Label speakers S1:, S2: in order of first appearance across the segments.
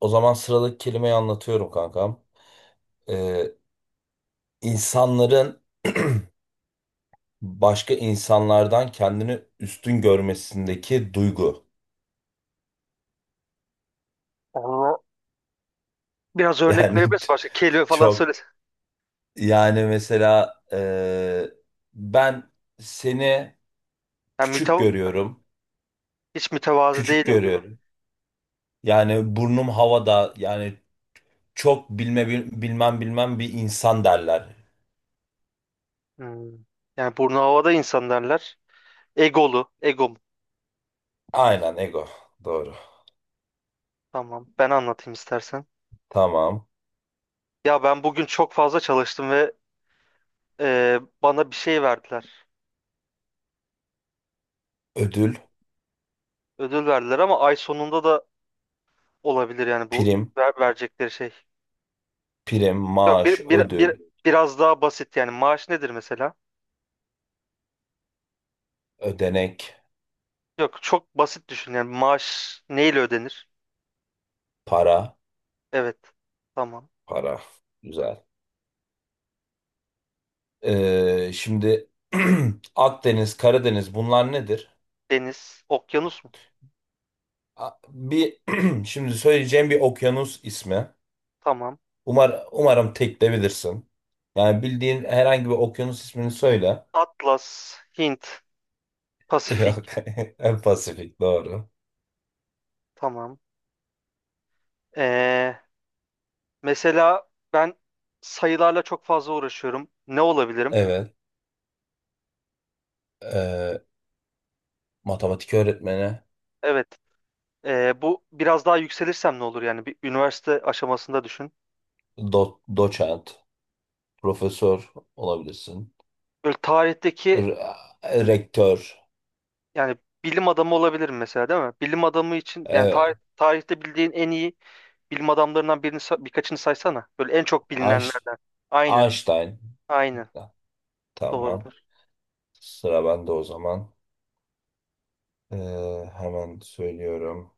S1: O zaman sıradaki kelimeyi anlatıyorum kankam. Ee, insanların başka insanlardan kendini üstün görmesindeki duygu.
S2: Onu biraz örnek
S1: Yani
S2: verebiliriz. Başka kelime falan söyle.
S1: çok yani mesela ben seni
S2: Yani
S1: küçük
S2: mütev
S1: görüyorum.
S2: hiç mütevazı
S1: Küçük
S2: değilim gibi.
S1: görüyorum. Yani burnum havada yani çok bilmem bilmem bir insan derler.
S2: Hmm. Yani burnu havada insan derler. Egolu. Ego mu?
S1: Aynen ego. Doğru.
S2: Tamam. Ben anlatayım istersen.
S1: Tamam.
S2: Ya ben bugün çok fazla çalıştım ve bana bir şey verdiler.
S1: Ödül,
S2: Ödül verdiler ama ay sonunda da olabilir yani bu
S1: prim,
S2: verecekleri şey.
S1: prim,
S2: Yok
S1: maaş,
S2: bir,
S1: ödül,
S2: biraz daha basit yani maaş nedir mesela?
S1: ödenek.
S2: Yok çok basit düşün yani maaş neyle ödenir?
S1: Para,
S2: Evet. Tamam.
S1: para. Güzel. Şimdi Akdeniz, Karadeniz bunlar nedir?
S2: Deniz, okyanus mu?
S1: Bir şimdi söyleyeceğim bir okyanus ismi.
S2: Tamam.
S1: Umarım tek de bilirsin. Yani bildiğin herhangi bir okyanus ismini söyle.
S2: Atlas, Hint,
S1: Yok.
S2: Pasifik.
S1: Pasifik doğru.
S2: Tamam. Ee, mesela ben sayılarla çok fazla uğraşıyorum. Ne olabilirim?
S1: Evet. Ee, Matematik öğretmeni,
S2: Evet. Bu biraz daha yükselirsem ne olur yani? Bir üniversite aşamasında düşün.
S1: doçent, profesör olabilirsin.
S2: Böyle tarihteki
S1: Rektör,
S2: yani bilim adamı olabilirim mesela değil mi? Bilim adamı için yani
S1: evet.
S2: tarihte bildiğin en iyi bilim adamlarından birkaçını saysana. Böyle en çok
S1: Einst-
S2: bilinenlerden. Aynen.
S1: Einstein.
S2: Aynen.
S1: Tamam.
S2: Doğrudur.
S1: Sıra bende o zaman. Ee, Hemen söylüyorum.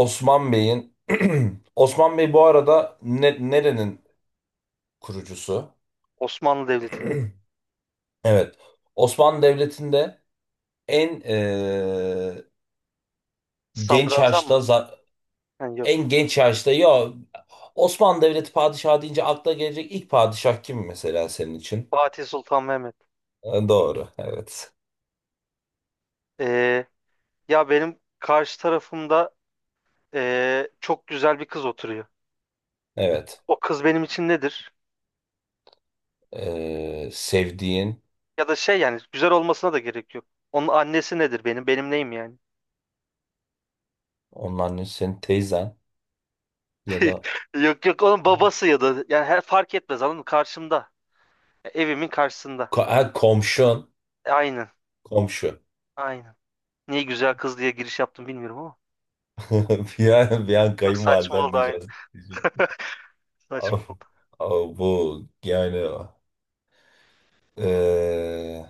S1: Osman Bey'in Osman Bey bu arada nerenin kurucusu?
S2: Osmanlı Devleti'nin.
S1: Evet. Osmanlı Devleti'nde en genç
S2: Sadrazam
S1: yaşta
S2: mı? Yani yok.
S1: en genç yaşta ya Osmanlı Devleti padişahı deyince akla gelecek ilk padişah kim mesela senin için?
S2: Fatih Sultan Mehmet.
S1: Doğru. Evet.
S2: Ee, Ya benim karşı tarafımda çok güzel bir kız oturuyor.
S1: Evet.
S2: O kız benim için nedir?
S1: Sevdiğin
S2: Ya da şey yani güzel olmasına da gerek yok. Onun annesi nedir benim? Benim neyim yani?
S1: onun annesi senin teyzen ya da
S2: Yok yok, onun babası ya da yani her fark etmez anladın mı? Karşımda. E, evimin karşısında.
S1: Komşun.
S2: E, aynen.
S1: Komşu.
S2: Aynen. Niye güzel kız diye giriş yaptım bilmiyorum ama.
S1: Bir an
S2: Çok saçma
S1: kayınvaliden
S2: oldu aynen.
S1: diyeceğiz. Diyecek.
S2: Saçma
S1: Ama-
S2: oldu.
S1: Ama bu yani eee,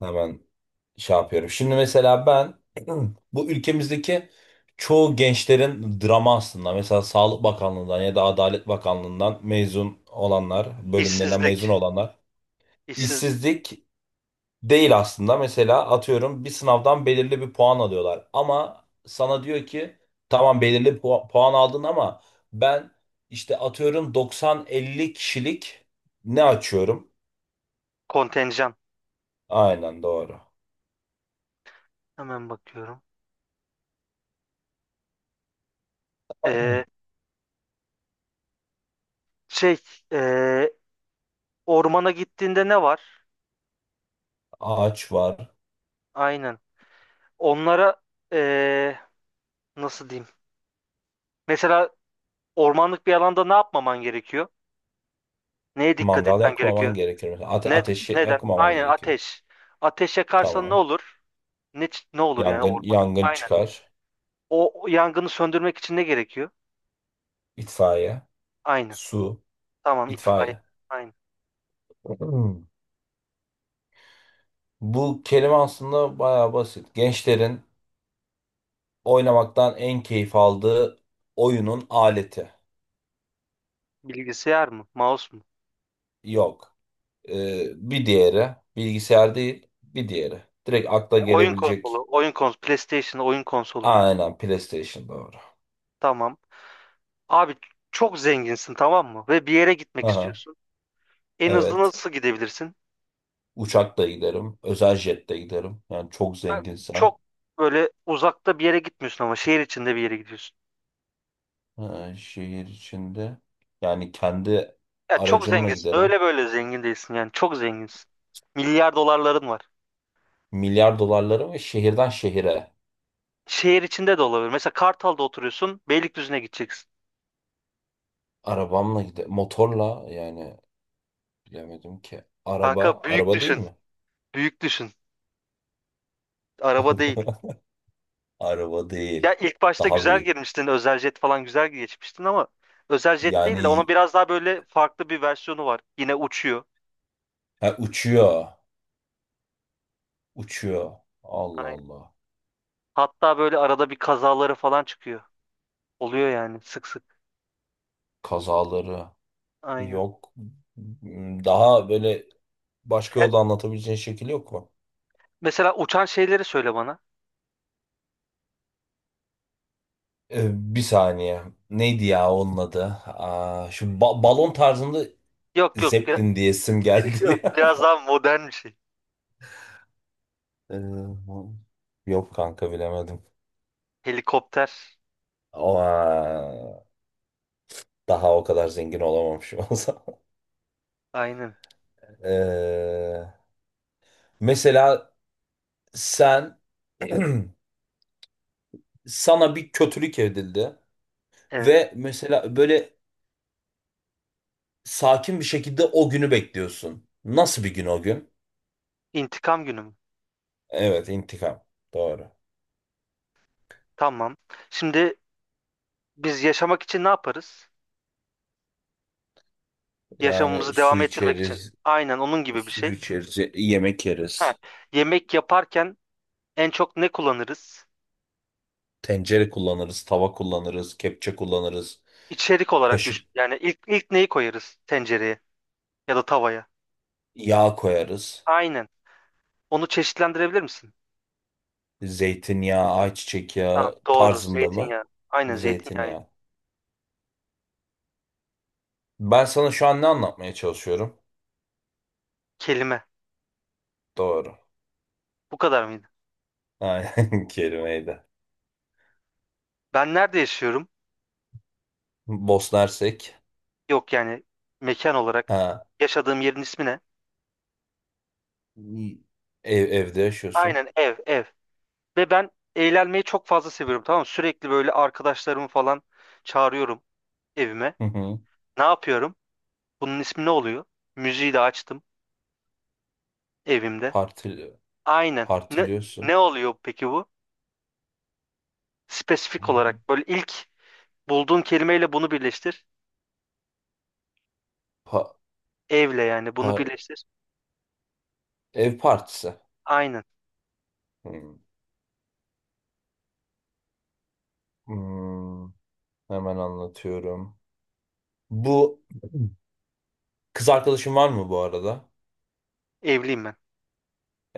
S1: hemen şey yapıyorum. Şimdi mesela ben bu ülkemizdeki çoğu gençlerin drama aslında. Mesela Sağlık Bakanlığı'ndan ya da Adalet Bakanlığı'ndan mezun olanlar, bölümlerinden
S2: İşsizlik.
S1: mezun olanlar.
S2: İşsiz
S1: İşsizlik değil aslında. Mesela atıyorum bir sınavdan belirli bir puan alıyorlar. Ama sana diyor ki tamam belirli puan aldın ama ben işte atıyorum 90-50 kişilik ne açıyorum?
S2: kontenjan.
S1: Aynen doğru.
S2: Hemen bakıyorum. Eee, şey eee, ormana gittiğinde ne var?
S1: Ağaç var.
S2: Aynen. Onlara eee, nasıl diyeyim? Mesela ormanlık bir alanda ne yapmaman gerekiyor? Neye dikkat
S1: Mangal
S2: etmen
S1: yakmaman
S2: gerekiyor?
S1: gerekir. Mesela
S2: Ne,
S1: ateşi
S2: neden?
S1: yakmaman
S2: Aynen
S1: gerekiyor.
S2: ateş. Ateş yakarsan ne
S1: Tamam.
S2: olur? Ne olur yani
S1: Yangın
S2: ormanda?
S1: yangın
S2: Aynen.
S1: çıkar.
S2: O yangını söndürmek için ne gerekiyor?
S1: İtfaiye.
S2: Aynen.
S1: Su.
S2: Tamam itfaiye.
S1: İtfaiye.
S2: Aynen.
S1: Hmm. Bu kelime aslında bayağı basit. Gençlerin oynamaktan en keyif aldığı oyunun aleti
S2: Bilgisayar mı? Mouse mu?
S1: yok. Ee, Bir diğeri bilgisayar değil, bir diğeri. Direkt akla
S2: E, oyun
S1: gelebilecek.
S2: konsolu. Oyun konsolu. PlayStation oyun konsolu.
S1: Aynen PlayStation doğru.
S2: Tamam. Abi çok zenginsin tamam mı? Ve bir yere gitmek
S1: Aha,
S2: istiyorsun. En hızlı
S1: evet.
S2: nasıl gidebilirsin?
S1: Uçakla giderim, özel jetle giderim. Yani çok zenginsem
S2: Çok böyle uzakta bir yere gitmiyorsun ama şehir içinde bir yere gidiyorsun.
S1: Şehir içinde. Yani kendi
S2: Ya çok
S1: aracımla
S2: zenginsin.
S1: giderim.
S2: Öyle böyle zengin değilsin yani. Çok zenginsin. Milyar dolarların var.
S1: Milyar dolarlarım ve şehirden şehire
S2: Şehir içinde de olabilir. Mesela Kartal'da oturuyorsun. Beylikdüzü'ne gideceksin.
S1: arabamla giderim. Motorla yani bilemedim ki. Araba,
S2: Kanka büyük
S1: araba değil
S2: düşün.
S1: mi?
S2: Büyük düşün. Araba değil.
S1: Araba
S2: Ya
S1: değil.
S2: ilk başta
S1: Daha
S2: güzel
S1: büyük.
S2: girmiştin. Özel jet falan güzel geçmiştin ama özel jet değil de onun
S1: Yani
S2: biraz daha böyle farklı bir versiyonu var. Yine uçuyor.
S1: ha, uçuyor. Uçuyor. Allah
S2: Aynen.
S1: Allah.
S2: Hatta böyle arada bir kazaları falan çıkıyor. Oluyor yani sık sık.
S1: Kazaları
S2: Aynen.
S1: yok. Daha böyle başka yolda anlatabileceğin şekil yok mu?
S2: Mesela uçan şeyleri söyle bana.
S1: Bir saniye. Neydi ya onun adı? Aa, şu balon tarzında
S2: Yok yok
S1: Zeppelin diye isim geldi
S2: yok.
S1: ya.
S2: Biraz daha modern bir şey.
S1: Ee, Yok kanka bilemedim.
S2: Helikopter.
S1: Ama daha o kadar zengin olamamışım o zaman.
S2: Aynen.
S1: Ee, Mesela sen sana bir kötülük edildi
S2: Evet.
S1: ve mesela böyle sakin bir şekilde o günü bekliyorsun. Nasıl bir gün o gün?
S2: İntikam günü mü?
S1: Evet, intikam. Doğru.
S2: Tamam. Şimdi biz yaşamak için ne yaparız?
S1: Yani
S2: Yaşamımızı devam ettirmek için. Aynen onun gibi bir
S1: su
S2: şey.
S1: içeriz, yemek
S2: Ha,
S1: yeriz,
S2: yemek yaparken en çok ne kullanırız?
S1: tencere kullanırız, tava kullanırız, kepçe kullanırız,
S2: İçerik olarak
S1: kaşık
S2: düşün. Yani ilk neyi koyarız tencereye ya da tavaya?
S1: yağ koyarız.
S2: Aynen. Onu çeşitlendirebilir misin?
S1: Zeytinyağı, ayçiçek
S2: Tamam,
S1: yağı
S2: doğru.
S1: tarzında mı?
S2: Zeytinyağı. Aynen zeytinyağıydı.
S1: Zeytinyağı. Ben sana şu an ne anlatmaya çalışıyorum?
S2: Kelime.
S1: Doğru.
S2: Bu kadar mıydı?
S1: Aynen kelimeydi.
S2: Ben nerede yaşıyorum?
S1: Bosna Hersek.
S2: Yok yani mekan olarak
S1: Ha.
S2: yaşadığım yerin ismi ne?
S1: İyi. Evde yaşıyorsun.
S2: Aynen ev. Ve ben eğlenmeyi çok fazla seviyorum tamam mı? Sürekli böyle arkadaşlarımı falan çağırıyorum evime.
S1: Hı hı.
S2: Ne yapıyorum? Bunun ismi ne oluyor? Müziği de açtım evimde.
S1: Parti,
S2: Aynen. Ne, ne
S1: Partiliyorsun.
S2: oluyor peki bu? Spesifik olarak böyle ilk bulduğun kelimeyle bunu birleştir.
S1: Pa-
S2: Evle yani bunu
S1: pa-
S2: birleştir.
S1: Ev partisi.
S2: Aynen.
S1: Hmm. Hmm. Hemen anlatıyorum. Bu kız arkadaşın var mı bu arada?
S2: Evliyim ben.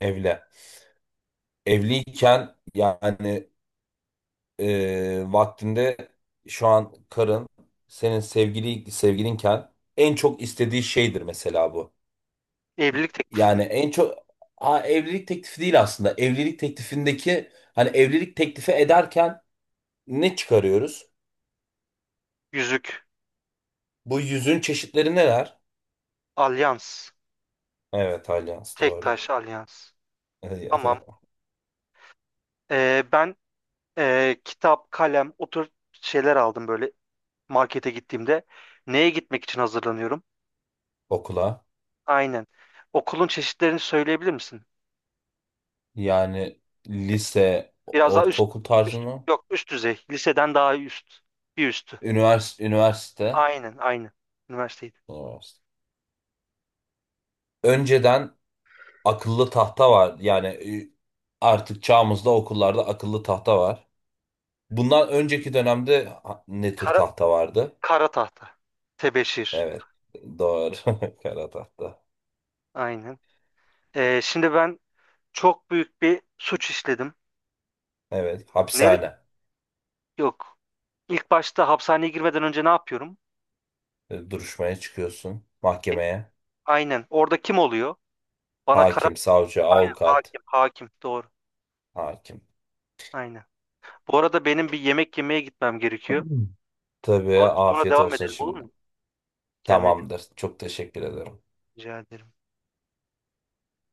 S1: Evli. Evliyken yani vaktinde şu an karın senin sevgilinken en çok istediği şeydir mesela bu.
S2: Evlilik teklifi.
S1: Yani en çok ha, evlilik teklifi değil aslında. Evlilik teklifindeki hani evlilik teklifi ederken ne çıkarıyoruz?
S2: Yüzük.
S1: Bu yüzün çeşitleri neler?
S2: Alyans.
S1: Evet, alyans
S2: Tek
S1: doğru.
S2: taş alyans. Tamam. Ben kitap, kalem, o tür şeyler aldım böyle markete gittiğimde. Neye gitmek için hazırlanıyorum?
S1: Okula.
S2: Aynen. Okulun çeşitlerini söyleyebilir misin?
S1: Yani lise,
S2: Biraz daha üst,
S1: ortaokul tarzı
S2: üst,
S1: mı?
S2: yok üst düzey. Liseden daha üst. Bir üstü.
S1: Üniversite.
S2: Aynen, aynen. Üniversiteydi.
S1: Üniversite. Önceden akıllı tahta var. Yani artık çağımızda okullarda akıllı tahta var. Bundan önceki dönemde ne tür
S2: Kara,
S1: tahta vardı?
S2: kara tahta. Tebeşir.
S1: Evet. Doğru. Kara tahta.
S2: Aynen. E, şimdi ben çok büyük bir suç işledim.
S1: Evet.
S2: Ne,
S1: Hapishane.
S2: yok. İlk başta hapishaneye girmeden önce ne yapıyorum?
S1: Duruşmaya çıkıyorsun.
S2: E,
S1: Mahkemeye.
S2: aynen. Orada kim oluyor? Bana kara...
S1: Hakim, savcı,
S2: Aynen.
S1: avukat.
S2: Hakim. Hakim. Doğru.
S1: Hakim.
S2: Aynen. Bu arada benim bir yemek yemeye gitmem gerekiyor.
S1: Tabii
S2: Sonra, sonra
S1: afiyet
S2: devam
S1: olsun
S2: edelim olur
S1: şimdi.
S2: mu? Kendine çok
S1: Tamamdır. Çok teşekkür ederim.
S2: rica ederim.